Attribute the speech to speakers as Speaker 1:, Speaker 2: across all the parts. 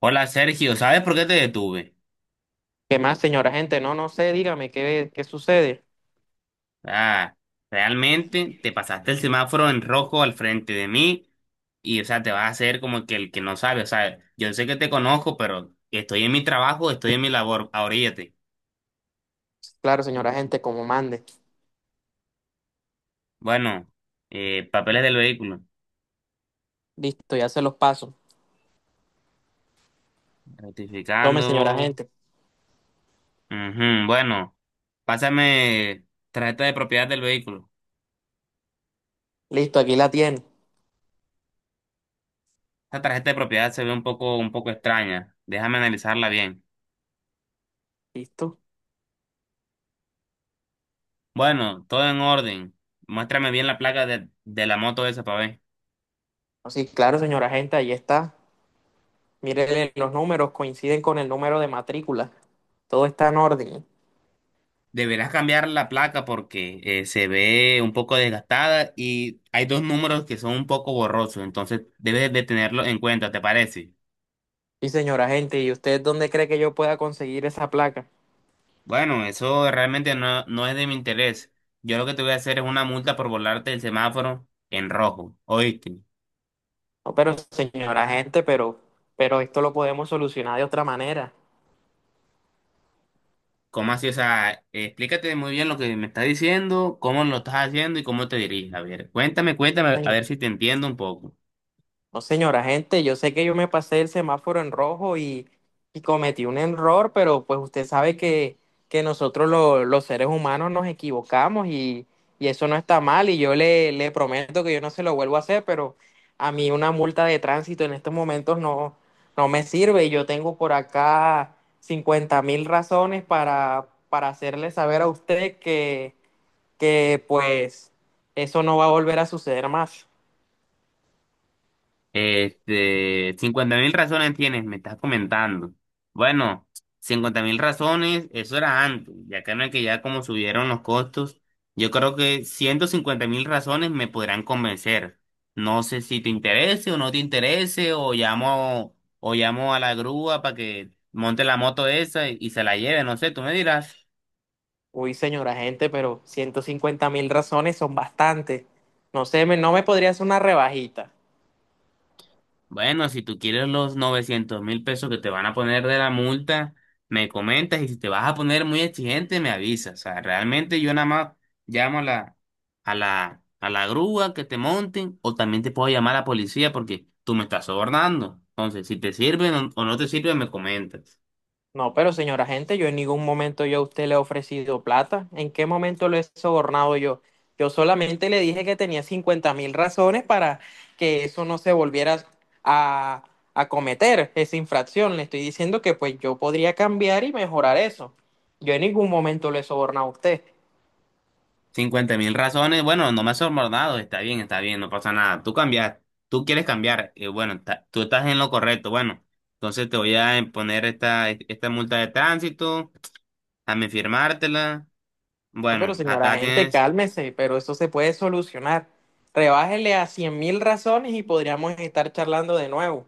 Speaker 1: Hola Sergio, ¿sabes por qué te detuve?
Speaker 2: ¿Qué más, señora gente? No, no sé, dígame, ¿qué sucede?
Speaker 1: Ah, realmente te pasaste el semáforo en rojo al frente de mí y, o sea, te vas a hacer como que el que no sabe, o sea, yo sé que te conozco, pero estoy en mi trabajo, estoy en mi labor, ahoríllate.
Speaker 2: Claro, señora gente, como mande.
Speaker 1: Bueno, papeles del vehículo,
Speaker 2: Listo, ya se los paso. Tome, señora
Speaker 1: ratificando.
Speaker 2: gente.
Speaker 1: Ujú, bueno, pásame tarjeta de propiedad del vehículo.
Speaker 2: Listo, aquí la tiene.
Speaker 1: Esta tarjeta de propiedad se ve un poco extraña, déjame analizarla bien.
Speaker 2: ¿Listo?
Speaker 1: Bueno, todo en orden. Muéstrame bien la placa de la moto esa para ver.
Speaker 2: Oh, sí, claro, señora gente, ahí está. Mírele, los números coinciden con el número de matrícula. Todo está en orden.
Speaker 1: Deberás cambiar la placa porque se ve un poco desgastada y hay dos números que son un poco borrosos, entonces debes de tenerlo en cuenta, ¿te parece?
Speaker 2: Sí, señora gente, ¿y usted dónde cree que yo pueda conseguir esa placa?
Speaker 1: Bueno, eso realmente no es de mi interés. Yo lo que te voy a hacer es una multa por volarte el semáforo en rojo, ¿oíste?
Speaker 2: No, pero señora gente, pero esto lo podemos solucionar de otra manera.
Speaker 1: ¿Cómo así? O sea, explícate muy bien lo que me estás diciendo, cómo lo estás haciendo y cómo te diriges. A ver, cuéntame, cuéntame, a
Speaker 2: Señora
Speaker 1: ver si te entiendo un poco.
Speaker 2: No, señora, gente, yo sé que yo me pasé el semáforo en rojo y cometí un error, pero pues usted sabe que nosotros los seres humanos nos equivocamos y eso no está mal y yo le prometo que yo no se lo vuelvo a hacer, pero a mí una multa de tránsito en estos momentos no me sirve y yo tengo por acá 50.000 razones para hacerle saber a usted que pues eso no va a volver a suceder más.
Speaker 1: Este, 50 mil razones tienes, me estás comentando. Bueno, 50.000 razones, eso era antes, ya que no es que ya como subieron los costos, yo creo que 150.000 razones me podrán convencer. No sé si te interese o no te interese, o llamo a la grúa para que monte la moto esa y se la lleve, no sé, tú me dirás.
Speaker 2: Uy, señora gente, pero 150.000 razones son bastantes. No sé, no me podría hacer una rebajita.
Speaker 1: Bueno, si tú quieres los 900.000 pesos que te van a poner de la multa, me comentas y si te vas a poner muy exigente, me avisas. O sea, realmente yo nada más llamo a la grúa que te monten o también te puedo llamar a la policía porque tú me estás sobornando. Entonces, si te sirven o no te sirven, me comentas.
Speaker 2: No, pero señora gente, yo en ningún momento yo a usted le he ofrecido plata. ¿En qué momento lo he sobornado yo? Yo solamente le dije que tenía 50.000 razones para que eso no se volviera a, a cometer, esa infracción. Le estoy diciendo que pues yo podría cambiar y mejorar eso. Yo en ningún momento le he sobornado a usted.
Speaker 1: 50.000 razones, bueno, no me has sobornado, está bien, no pasa nada. Tú cambias, tú quieres cambiar, bueno, tú estás en lo correcto, bueno, entonces te voy a poner esta multa de tránsito, dame firmártela.
Speaker 2: No, pero
Speaker 1: Bueno,
Speaker 2: señora
Speaker 1: acá
Speaker 2: gente,
Speaker 1: tienes.
Speaker 2: cálmese, pero eso se puede solucionar. Rebájele a 100.000 razones y podríamos estar charlando de nuevo.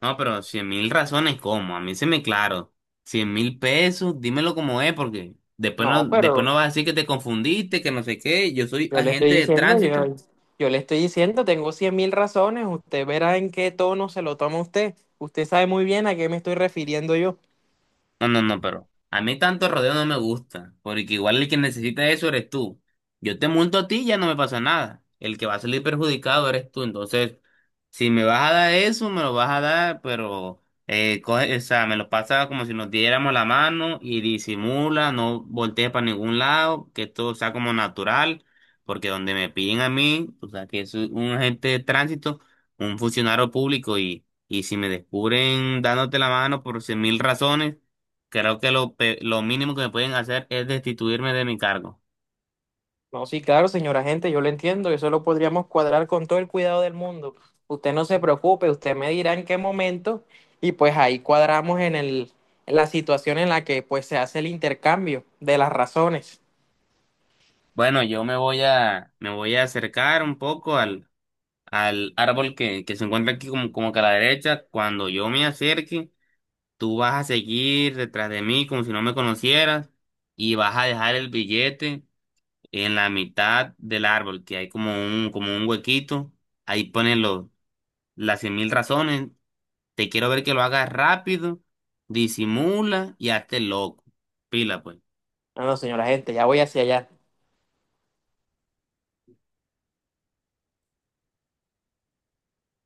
Speaker 1: No, pero 100.000 razones, ¿cómo? A mí se me claro, 100.000 pesos, dímelo como es, porque después no,
Speaker 2: No,
Speaker 1: después
Speaker 2: pero
Speaker 1: no vas a decir que te confundiste, que no sé qué, yo soy
Speaker 2: yo le
Speaker 1: agente
Speaker 2: estoy
Speaker 1: de
Speaker 2: diciendo,
Speaker 1: tránsito.
Speaker 2: yo le estoy diciendo, tengo 100.000 razones, usted verá en qué tono se lo toma usted. Usted sabe muy bien a qué me estoy refiriendo yo.
Speaker 1: No, no, no, pero a mí tanto rodeo no me gusta, porque igual el que necesita eso eres tú. Yo te monto a ti y ya no me pasa nada. El que va a salir perjudicado eres tú. Entonces, si me vas a dar eso, me lo vas a dar, pero o sea, me lo pasa como si nos diéramos la mano y disimula, no voltees para ningún lado, que todo sea como natural, porque donde me piden a mí, o sea, que es un agente de tránsito, un funcionario público y si me descubren dándote la mano por 100.000 razones, creo que lo mínimo que me pueden hacer es destituirme de mi cargo.
Speaker 2: No, sí, claro, señora gente, yo lo entiendo, eso lo podríamos cuadrar con todo el cuidado del mundo. Usted no se preocupe, usted me dirá en qué momento y pues ahí cuadramos en la situación en la que pues se hace el intercambio de las razones.
Speaker 1: Bueno, yo me voy a acercar un poco al árbol que se encuentra aquí como que a la derecha. Cuando yo me acerque, tú vas a seguir detrás de mí como si no me conocieras y vas a dejar el billete en la mitad del árbol, que hay como un huequito. Ahí ponen las 100.000 razones. Te quiero ver que lo hagas rápido, disimula y hazte loco. Pila, pues.
Speaker 2: No, no, señora gente, ya voy hacia allá.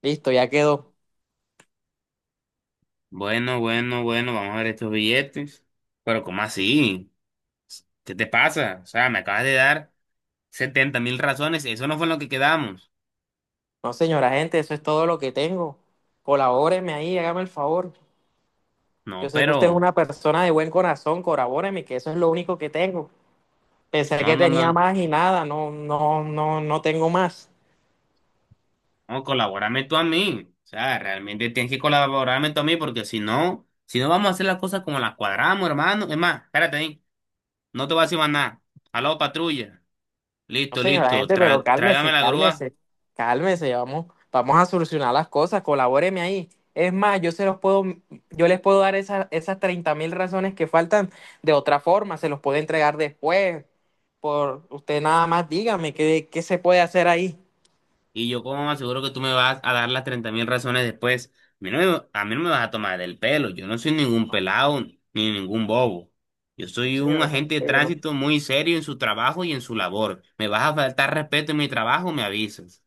Speaker 2: Listo, ya quedó.
Speaker 1: Bueno, bueno, bueno, vamos a ver estos billetes. Pero ¿cómo así? ¿Qué te pasa? O sea, me acabas de dar 70.000 razones. Eso no fue en lo que quedamos.
Speaker 2: No, señora gente, eso es todo lo que tengo. Colabóreme ahí, hágame el favor. Yo
Speaker 1: No,
Speaker 2: sé que usted es
Speaker 1: pero...
Speaker 2: una persona de buen corazón, colabóreme, que eso es lo único que tengo. Pensé
Speaker 1: No,
Speaker 2: que
Speaker 1: no,
Speaker 2: tenía
Speaker 1: no.
Speaker 2: más y nada, no, no, no, no tengo más.
Speaker 1: No, colabórame tú a mí. O sea, realmente tienes que colaborarme tú a mí porque si no vamos a hacer las cosas como las cuadramos, hermano. Es más, espérate ahí. No te voy a decir más nada. Aló, patrulla.
Speaker 2: No,
Speaker 1: Listo,
Speaker 2: señora
Speaker 1: listo.
Speaker 2: gente, pero
Speaker 1: Tráigame
Speaker 2: cálmese,
Speaker 1: la grúa.
Speaker 2: cálmese, cálmese, vamos, vamos a solucionar las cosas, colabóreme ahí. Es más, yo se los puedo, yo les puedo dar esas 30.000 razones que faltan de otra forma, se los puedo entregar después. Por usted nada más dígame qué se puede hacer ahí.
Speaker 1: Y yo como aseguro que tú me vas a dar las 30.000 razones después. A mí no me vas a tomar del pelo. Yo no soy ningún
Speaker 2: No,
Speaker 1: pelado ni ningún bobo. Yo soy un
Speaker 2: señora,
Speaker 1: agente de
Speaker 2: yo no
Speaker 1: tránsito muy serio en su trabajo y en su labor. Me vas a faltar respeto en mi trabajo, me avisas.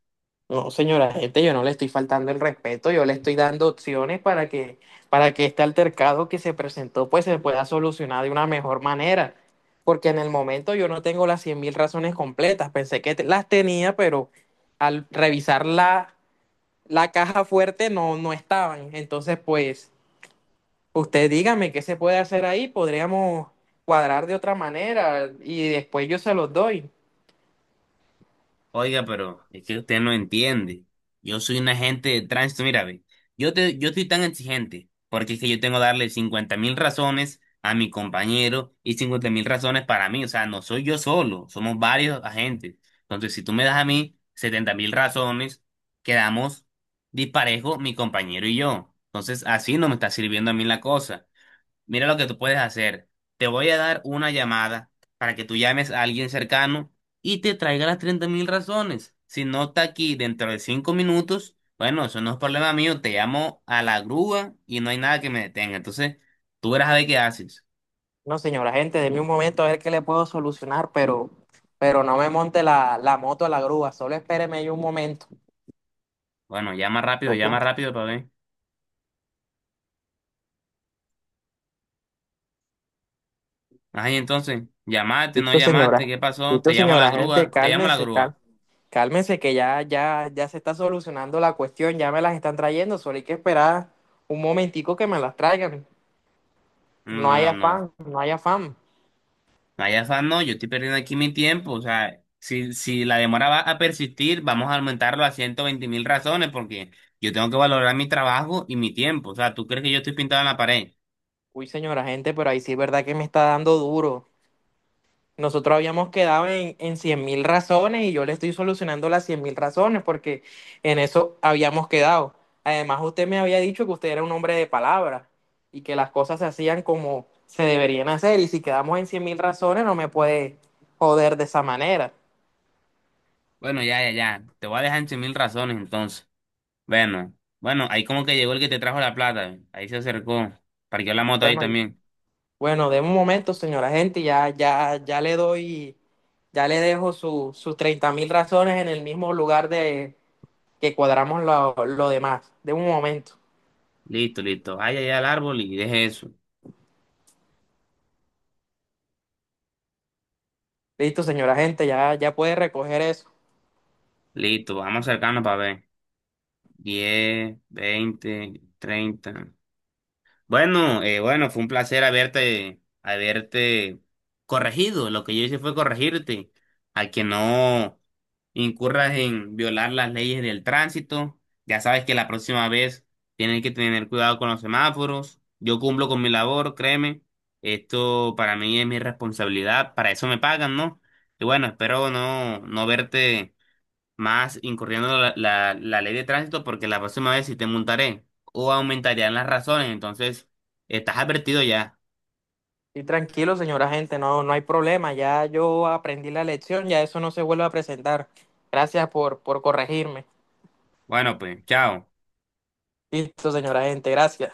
Speaker 2: No, señora gente, yo no le estoy faltando el respeto, yo le estoy dando opciones para que este altercado que se presentó pues se pueda solucionar de una mejor manera. Porque en el momento yo no tengo las 100.000 razones completas, pensé que las tenía, pero al revisar la caja fuerte no estaban. Entonces, pues, usted dígame qué se puede hacer ahí, podríamos cuadrar de otra manera y después yo se los doy.
Speaker 1: Oiga, pero es que usted no entiende. Yo soy un agente de tránsito, mira, ve. Yo estoy tan exigente porque es que yo tengo que darle 50.000 razones a mi compañero y 50.000 razones para mí. O sea, no soy yo solo, somos varios agentes. Entonces, si tú me das a mí 70.000 razones, quedamos disparejo mi compañero y yo. Entonces, así no me está sirviendo a mí la cosa. Mira lo que tú puedes hacer. Te voy a dar una llamada para que tú llames a alguien cercano y te traiga las 30.000 razones. Si no está aquí dentro de 5 minutos, bueno, eso no es problema mío. Te llamo a la grúa y no hay nada que me detenga. Entonces, tú verás a ver qué haces.
Speaker 2: No, señora, gente, de un momento a ver qué le puedo solucionar, pero no me monte la moto a la grúa, solo espéreme ahí un momento.
Speaker 1: Bueno, llama
Speaker 2: Ok.
Speaker 1: rápido para ver. Ay, entonces, llamaste, no
Speaker 2: Listo,
Speaker 1: llamaste,
Speaker 2: señora.
Speaker 1: ¿qué pasó? Te
Speaker 2: Listo,
Speaker 1: llamo a la
Speaker 2: señora, gente,
Speaker 1: grúa, te llamo a la
Speaker 2: cálmese,
Speaker 1: grúa.
Speaker 2: cálmese, que ya, ya, ya se está solucionando la cuestión, ya me las están trayendo, solo hay que esperar un momentico que me las traigan.
Speaker 1: No,
Speaker 2: No hay
Speaker 1: no, no, no,
Speaker 2: afán, no hay afán.
Speaker 1: no hay afán, no, yo estoy perdiendo aquí mi tiempo. O sea, si la demora va a persistir, vamos a aumentarlo a 120.000 razones porque yo tengo que valorar mi trabajo y mi tiempo. O sea, ¿tú crees que yo estoy pintado en la pared?
Speaker 2: Uy, señora, gente, pero ahí sí es verdad que me está dando duro. Nosotros habíamos quedado en 100.000 razones y yo le estoy solucionando las 100.000 razones porque en eso habíamos quedado. Además, usted me había dicho que usted era un hombre de palabra y que las cosas se hacían como se deberían hacer y si quedamos en 100.000 razones no me puede joder de esa manera.
Speaker 1: Bueno, ya, ya, ya. Te voy a dejar en 100 mil razones entonces. Bueno, bueno, ahí como que llegó el que te trajo la plata. Ahí se acercó. Parqueó la moto ahí
Speaker 2: Bueno,
Speaker 1: también.
Speaker 2: bueno, de un momento, señora gente, ya, ya, ya le doy, ya le dejo sus 30.000 razones en el mismo lugar de que cuadramos lo demás. De un momento.
Speaker 1: Listo, listo. Vaya allá al árbol y deje eso.
Speaker 2: Listo, señora gente, ya puede recoger eso.
Speaker 1: Listo, vamos acercando para ver. 10, 20, 30. Bueno, bueno, fue un placer haberte corregido. Lo que yo hice fue corregirte a que no incurras en violar las leyes del tránsito. Ya sabes que la próxima vez tienes que tener cuidado con los semáforos. Yo cumplo con mi labor, créeme. Esto para mí es mi responsabilidad. Para eso me pagan, ¿no? Y bueno, espero no verte más incurriendo la ley de tránsito porque la próxima vez sí te montaré o aumentarían las razones, entonces estás advertido ya.
Speaker 2: Y tranquilo, señora gente, no hay problema. Ya yo aprendí la lección, ya eso no se vuelve a presentar. Gracias por corregirme.
Speaker 1: Bueno, pues, chao.
Speaker 2: Listo, señora gente, gracias.